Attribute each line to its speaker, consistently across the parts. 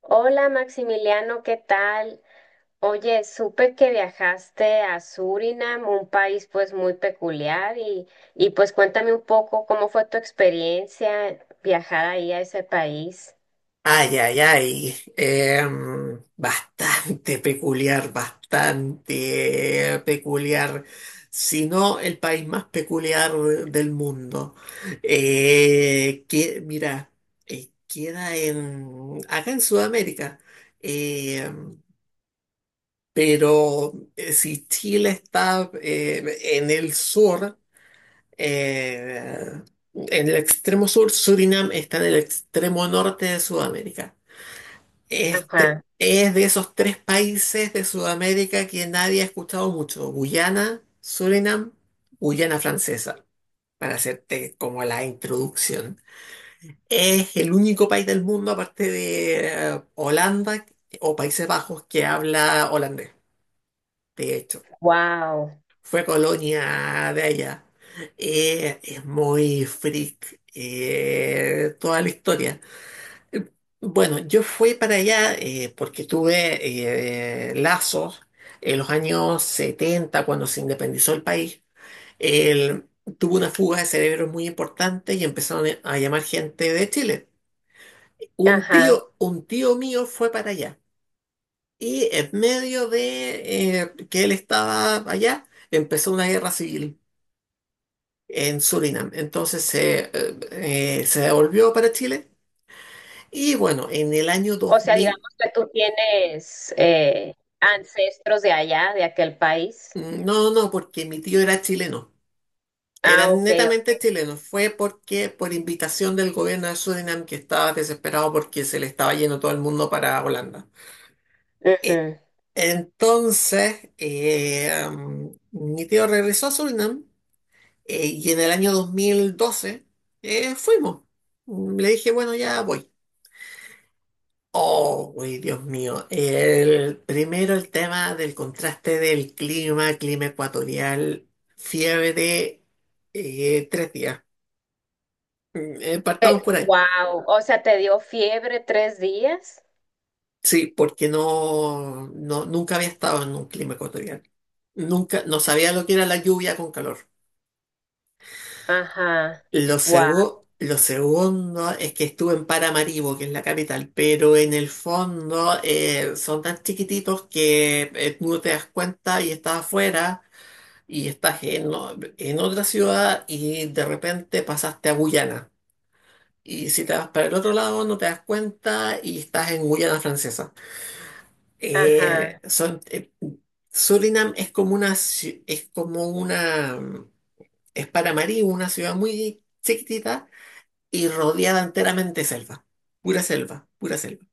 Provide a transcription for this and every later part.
Speaker 1: Hola Maximiliano, ¿qué tal? Oye, supe que viajaste a Surinam, un país pues muy peculiar y pues cuéntame un poco cómo fue tu experiencia viajar ahí a ese país.
Speaker 2: Ay, ay, ay. Bastante peculiar, bastante peculiar. Si no, el país más peculiar del mundo. Mira, queda acá en Sudamérica. Em, pero si Chile está en el sur, eh, en el extremo sur, Surinam está en el extremo norte de Sudamérica. Este
Speaker 1: Ajá,
Speaker 2: es de esos tres países de Sudamérica que nadie ha escuchado mucho: Guyana, Surinam, Guyana Francesa, para hacerte como la introducción. Es el único país del mundo, aparte de Holanda o Países Bajos, que habla holandés. De hecho,
Speaker 1: wow,
Speaker 2: fue colonia de allá. Es muy freak toda la historia. Eh, Bueno, yo fui para allá porque tuve lazos en los años 70 cuando se independizó el país. El- Tuvo una fuga de cerebros muy importante y empezaron a llamar gente de Chile. Un
Speaker 1: ajá.
Speaker 2: tío, un tío mío fue para allá y en medio de que él estaba allá, empezó una guerra civil en Surinam. Entonces se devolvió para Chile y bueno, en el año
Speaker 1: O
Speaker 2: dos
Speaker 1: sea, digamos
Speaker 2: mil
Speaker 1: que tú tienes ancestros de allá, de aquel país.
Speaker 2: Mm. No, no, porque mi tío era chileno, era
Speaker 1: Ah, ok.
Speaker 2: netamente chileno. Fue porque por invitación del gobierno de Surinam, que estaba desesperado porque se le estaba yendo todo el mundo para Holanda. E-
Speaker 1: Ujú.
Speaker 2: Entonces, mi tío regresó a Surinam y en el año 2012 fuimos. Mm. Le dije, bueno, ya voy. Oh, uy, Dios mío. Primero, el tema del contraste del clima, clima ecuatorial, fiebre, 3 días. Mm, partamos por ahí.
Speaker 1: Wow, o sea, ¿te dio fiebre tres días?
Speaker 2: Sí, porque nunca había estado en un clima ecuatorial. Nunca, no sabía lo que era la lluvia con calor.
Speaker 1: Ajá,
Speaker 2: Lo
Speaker 1: wow,
Speaker 2: segu- lo segundo es que estuve en Paramaribo, que es la capital, pero en el fondo son tan chiquititos que tú no te das cuenta y estás afuera y estás en otra ciudad y de repente pasaste a Guyana. Y si te vas para el otro lado no te das cuenta y estás en Guyana francesa. Eh,
Speaker 1: ajá.
Speaker 2: son, eh, Surinam es como es como es para Marí, una ciudad muy chiquitita y rodeada enteramente de selva, pura selva, pura selva.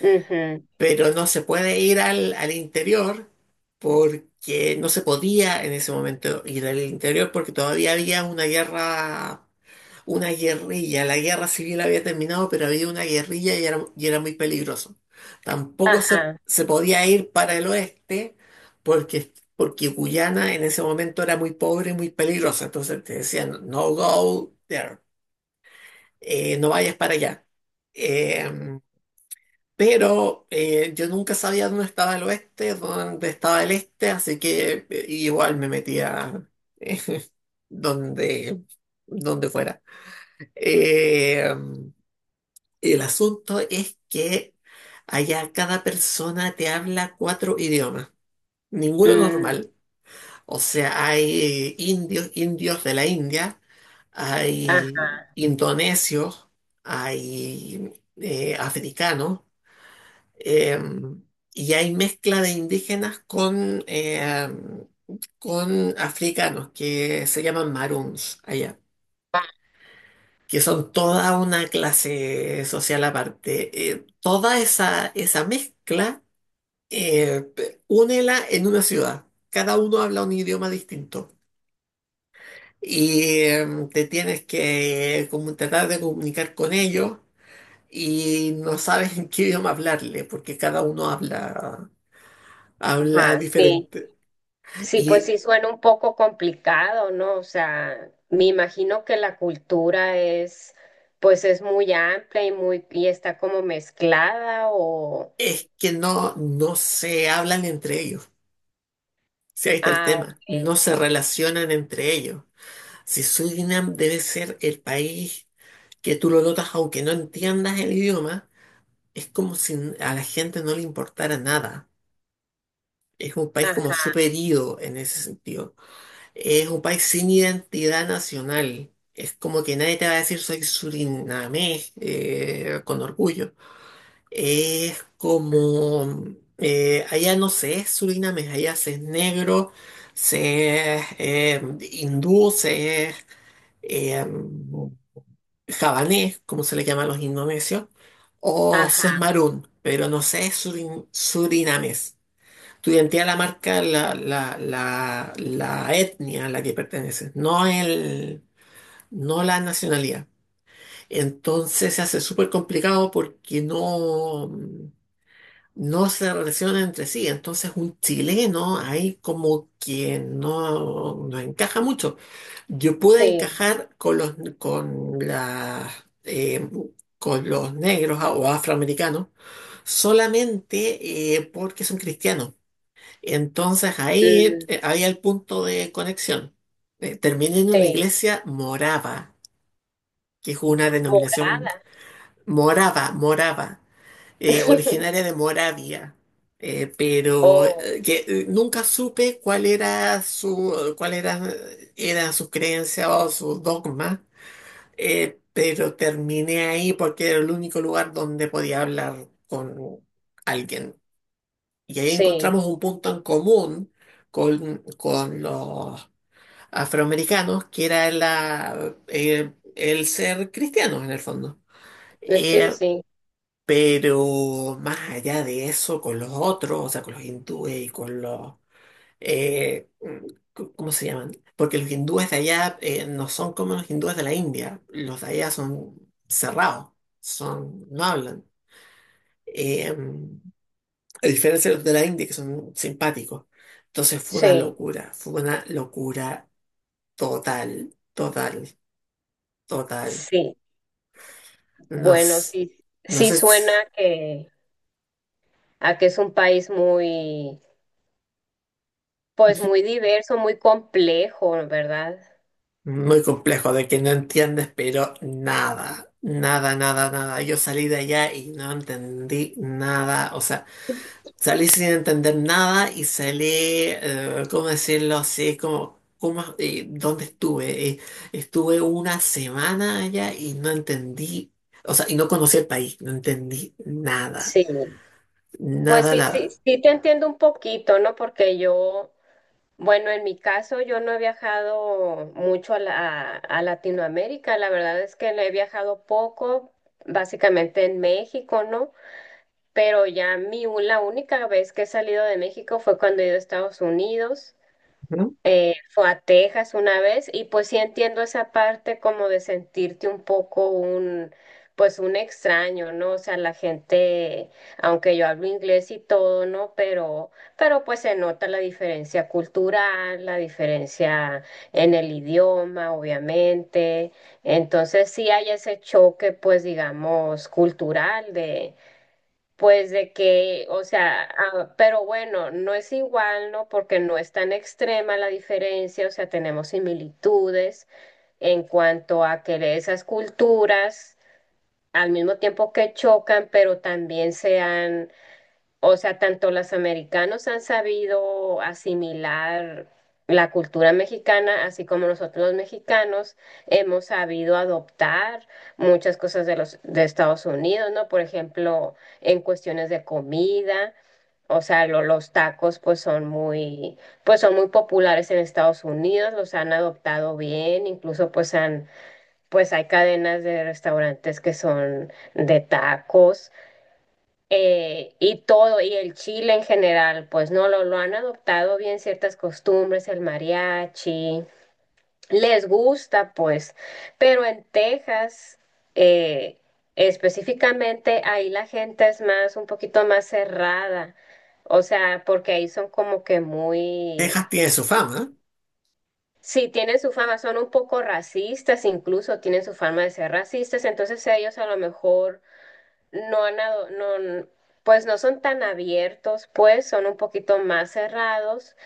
Speaker 1: Ujú.
Speaker 2: Pero no se puede ir al interior porque no se podía en ese momento ir al interior porque todavía había una guerra, una guerrilla. La guerra civil había terminado, pero había una guerrilla y y era muy peligroso. Tampoco
Speaker 1: Ajá,
Speaker 2: se podía ir para el oeste porque, porque Guyana en ese momento era muy pobre y muy peligrosa. Entonces te decían, no go there, no vayas para allá. Eh, pero yo nunca sabía dónde estaba el oeste, dónde estaba el este, así que igual me metía eh, donde, donde fuera. Eh, el asunto es que allá cada persona te habla cuatro idiomas, ninguno
Speaker 1: mm,
Speaker 2: normal. O sea, hay indios, indios de la India,
Speaker 1: ajá,
Speaker 2: hay indonesios, hay africanos. Eh, y hay mezcla de indígenas con africanos que se llaman maroons allá, que son toda una clase social aparte. Toda esa, esa mezcla, eh, únela en una ciudad. Cada uno habla un idioma distinto. Y eh, Te tienes que como tratar de comunicar con ellos y no sabes en qué idioma hablarle, porque cada uno habla
Speaker 1: ajá, sí,
Speaker 2: diferente.
Speaker 1: sí, pues sí
Speaker 2: Y
Speaker 1: suena un poco complicado, ¿no? O sea, me imagino que la cultura, pues es muy amplia y muy, y está como mezclada o,
Speaker 2: es que no, no se hablan entre ellos. Si ahí está el
Speaker 1: ah,
Speaker 2: tema.
Speaker 1: ok,
Speaker 2: No se relacionan entre ellos. Si Surinam debe ser el país que tú lo notas, aunque no entiendas el idioma, es como si a la gente no le importara nada. Es un país como
Speaker 1: ajá,
Speaker 2: superido en ese sentido. Es un país sin identidad nacional. Es como que nadie te va a decir soy surinamés con orgullo. Es como: allá no se es surinamés, allá se es negro, se es hindú, se es eh, javanés, como se le llama a los indonesios, o se es
Speaker 1: ajá,
Speaker 2: marún, pero no se es surinamés. Tu identidad la marca la etnia a la que perteneces, no la nacionalidad. Entonces se hace súper complicado porque no se relacionan entre sí. Entonces un chileno ahí como que no, no encaja mucho. Yo pude
Speaker 1: sí,
Speaker 2: encajar con con la eh, con los negros o afroamericanos solamente porque son cristianos. Entonces ahí
Speaker 1: mm,
Speaker 2: había el punto de conexión. Terminé en una
Speaker 1: sí,
Speaker 2: iglesia morava, que es una denominación
Speaker 1: morada,
Speaker 2: morava originaria de Moravia, pero
Speaker 1: oh,
Speaker 2: que nunca supe cuál era era su creencia o su dogma, pero terminé ahí porque era el único lugar donde podía hablar con alguien. Y ahí
Speaker 1: sí,
Speaker 2: encontramos un punto en común con los afroamericanos, que era el ser cristianos en el fondo.
Speaker 1: sí,
Speaker 2: Eh,
Speaker 1: sí,
Speaker 2: pero más allá de eso, con los otros, o sea, con los hindúes y con los... eh, ¿cómo se llaman? Porque los hindúes de allá no son como los hindúes de la India. Los de allá son cerrados, son, no hablan. Eh, a diferencia de los de la India, que son simpáticos. Entonces
Speaker 1: sí,
Speaker 2: fue una locura total, total, total.
Speaker 1: sí, bueno,
Speaker 2: Nos,
Speaker 1: sí,
Speaker 2: no
Speaker 1: sí
Speaker 2: sé.
Speaker 1: suena que, a que es un país muy. Pues muy diverso, muy complejo, ¿verdad?
Speaker 2: Muy complejo, de que no entiendes, pero nada, nada, nada, nada. Yo salí de allá y no entendí nada, o sea, salí sin entender nada y salí, ¿cómo decirlo así? Como, ¿cómo, dónde estuve? Estuve una semana allá y no entendí, o sea, y no conocí el país, no entendí nada,
Speaker 1: Sí. Pues
Speaker 2: nada,
Speaker 1: sí, sí,
Speaker 2: nada.
Speaker 1: sí te entiendo un poquito, ¿no? Porque yo, bueno, en mi caso yo no he viajado mucho a, a Latinoamérica, la verdad es que le he viajado poco, básicamente en México, ¿no? Pero ya mi, la única vez que he salido de México fue cuando he ido a Estados Unidos.
Speaker 2: Ujú.
Speaker 1: Fue a Texas una vez y pues sí entiendo esa parte como de sentirte un poco un, pues un extraño, ¿no? O sea, la gente, aunque yo hablo inglés y todo, ¿no? Pero pues se nota la diferencia cultural, la diferencia en el idioma, obviamente. Entonces sí hay ese choque, pues digamos, cultural de pues de que, o sea, ah, pero bueno, no es igual, ¿no? Porque no es tan extrema la diferencia, o sea, tenemos similitudes en cuanto a que esas culturas al mismo tiempo que chocan, pero también sean, o sea, tanto los americanos han sabido asimilar la cultura mexicana, así como nosotros los mexicanos hemos sabido adoptar muchas cosas de los de Estados Unidos, ¿no? Por ejemplo, en cuestiones de comida, o sea, los tacos pues son muy, pues son muy populares en Estados Unidos, los han adoptado bien, incluso pues han, pues hay cadenas de restaurantes que son de tacos, y todo, y el Chile en general, pues no lo, lo han adoptado bien ciertas costumbres, el mariachi, les gusta, pues, pero en Texas, eh, específicamente, ahí la gente es más, un poquito más cerrada, o sea, porque ahí son como que muy...
Speaker 2: Texas tiene su fama, ¿eh?
Speaker 1: Sí, tienen su fama, son un poco racistas, incluso tienen su fama de ser racistas, entonces ellos a lo mejor no, pues no son tan abiertos, pues son un poquito más cerrados,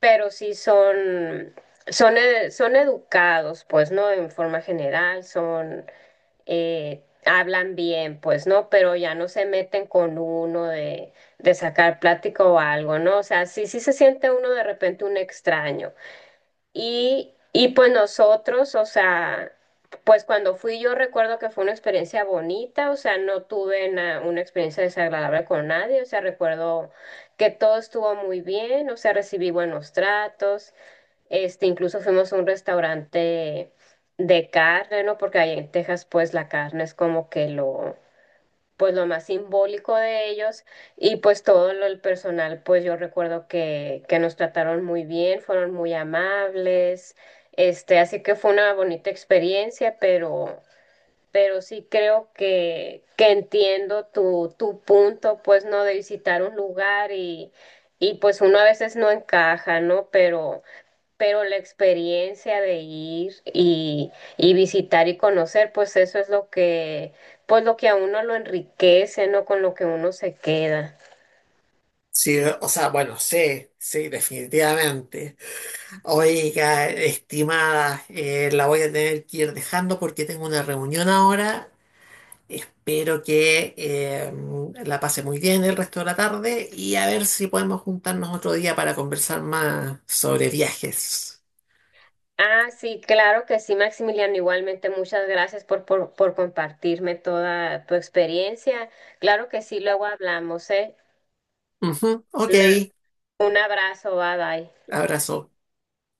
Speaker 1: pero sí son, son, son educados, pues, ¿no? En forma general, son, hablan bien, pues, ¿no? Pero ya no se meten con uno de sacar plática o algo, ¿no? O sea, sí, sí se siente uno de repente un extraño. Y pues nosotros, o sea, pues cuando fui yo recuerdo que fue una experiencia bonita, o sea, no tuve na- una experiencia desagradable con nadie, o sea, recuerdo que todo estuvo muy bien, o sea, recibí buenos tratos, este, incluso fuimos a un restaurante de carne, ¿no? Porque ahí en Texas, pues la carne es como que lo, pues lo más simbólico de ellos y pues todo lo, el personal, pues yo recuerdo que nos trataron muy bien, fueron muy amables, este, así que fue una bonita experiencia, pero sí creo que entiendo tu, tu punto, pues no, de visitar un lugar y pues uno a veces no encaja, ¿no? Pero la experiencia de ir y visitar y conocer, pues eso es lo que, pues lo que a uno lo enriquece, ¿no? Con lo que uno se queda.
Speaker 2: Sí, o sea, bueno, sí, sí, definitivamente. Oiga, estimada, la voy a tener que ir dejando porque tengo una reunión ahora. Espero que la pase muy bien el resto de la tarde y a ver si podemos juntarnos otro día para conversar más sobre viajes.
Speaker 1: Ah, sí, claro que sí, Maximiliano. Igualmente, muchas gracias por compartirme toda tu experiencia. Claro que sí, luego hablamos, ¿eh?
Speaker 2: Ujú, ok,
Speaker 1: Una- un abrazo, bye bye.
Speaker 2: abrazo.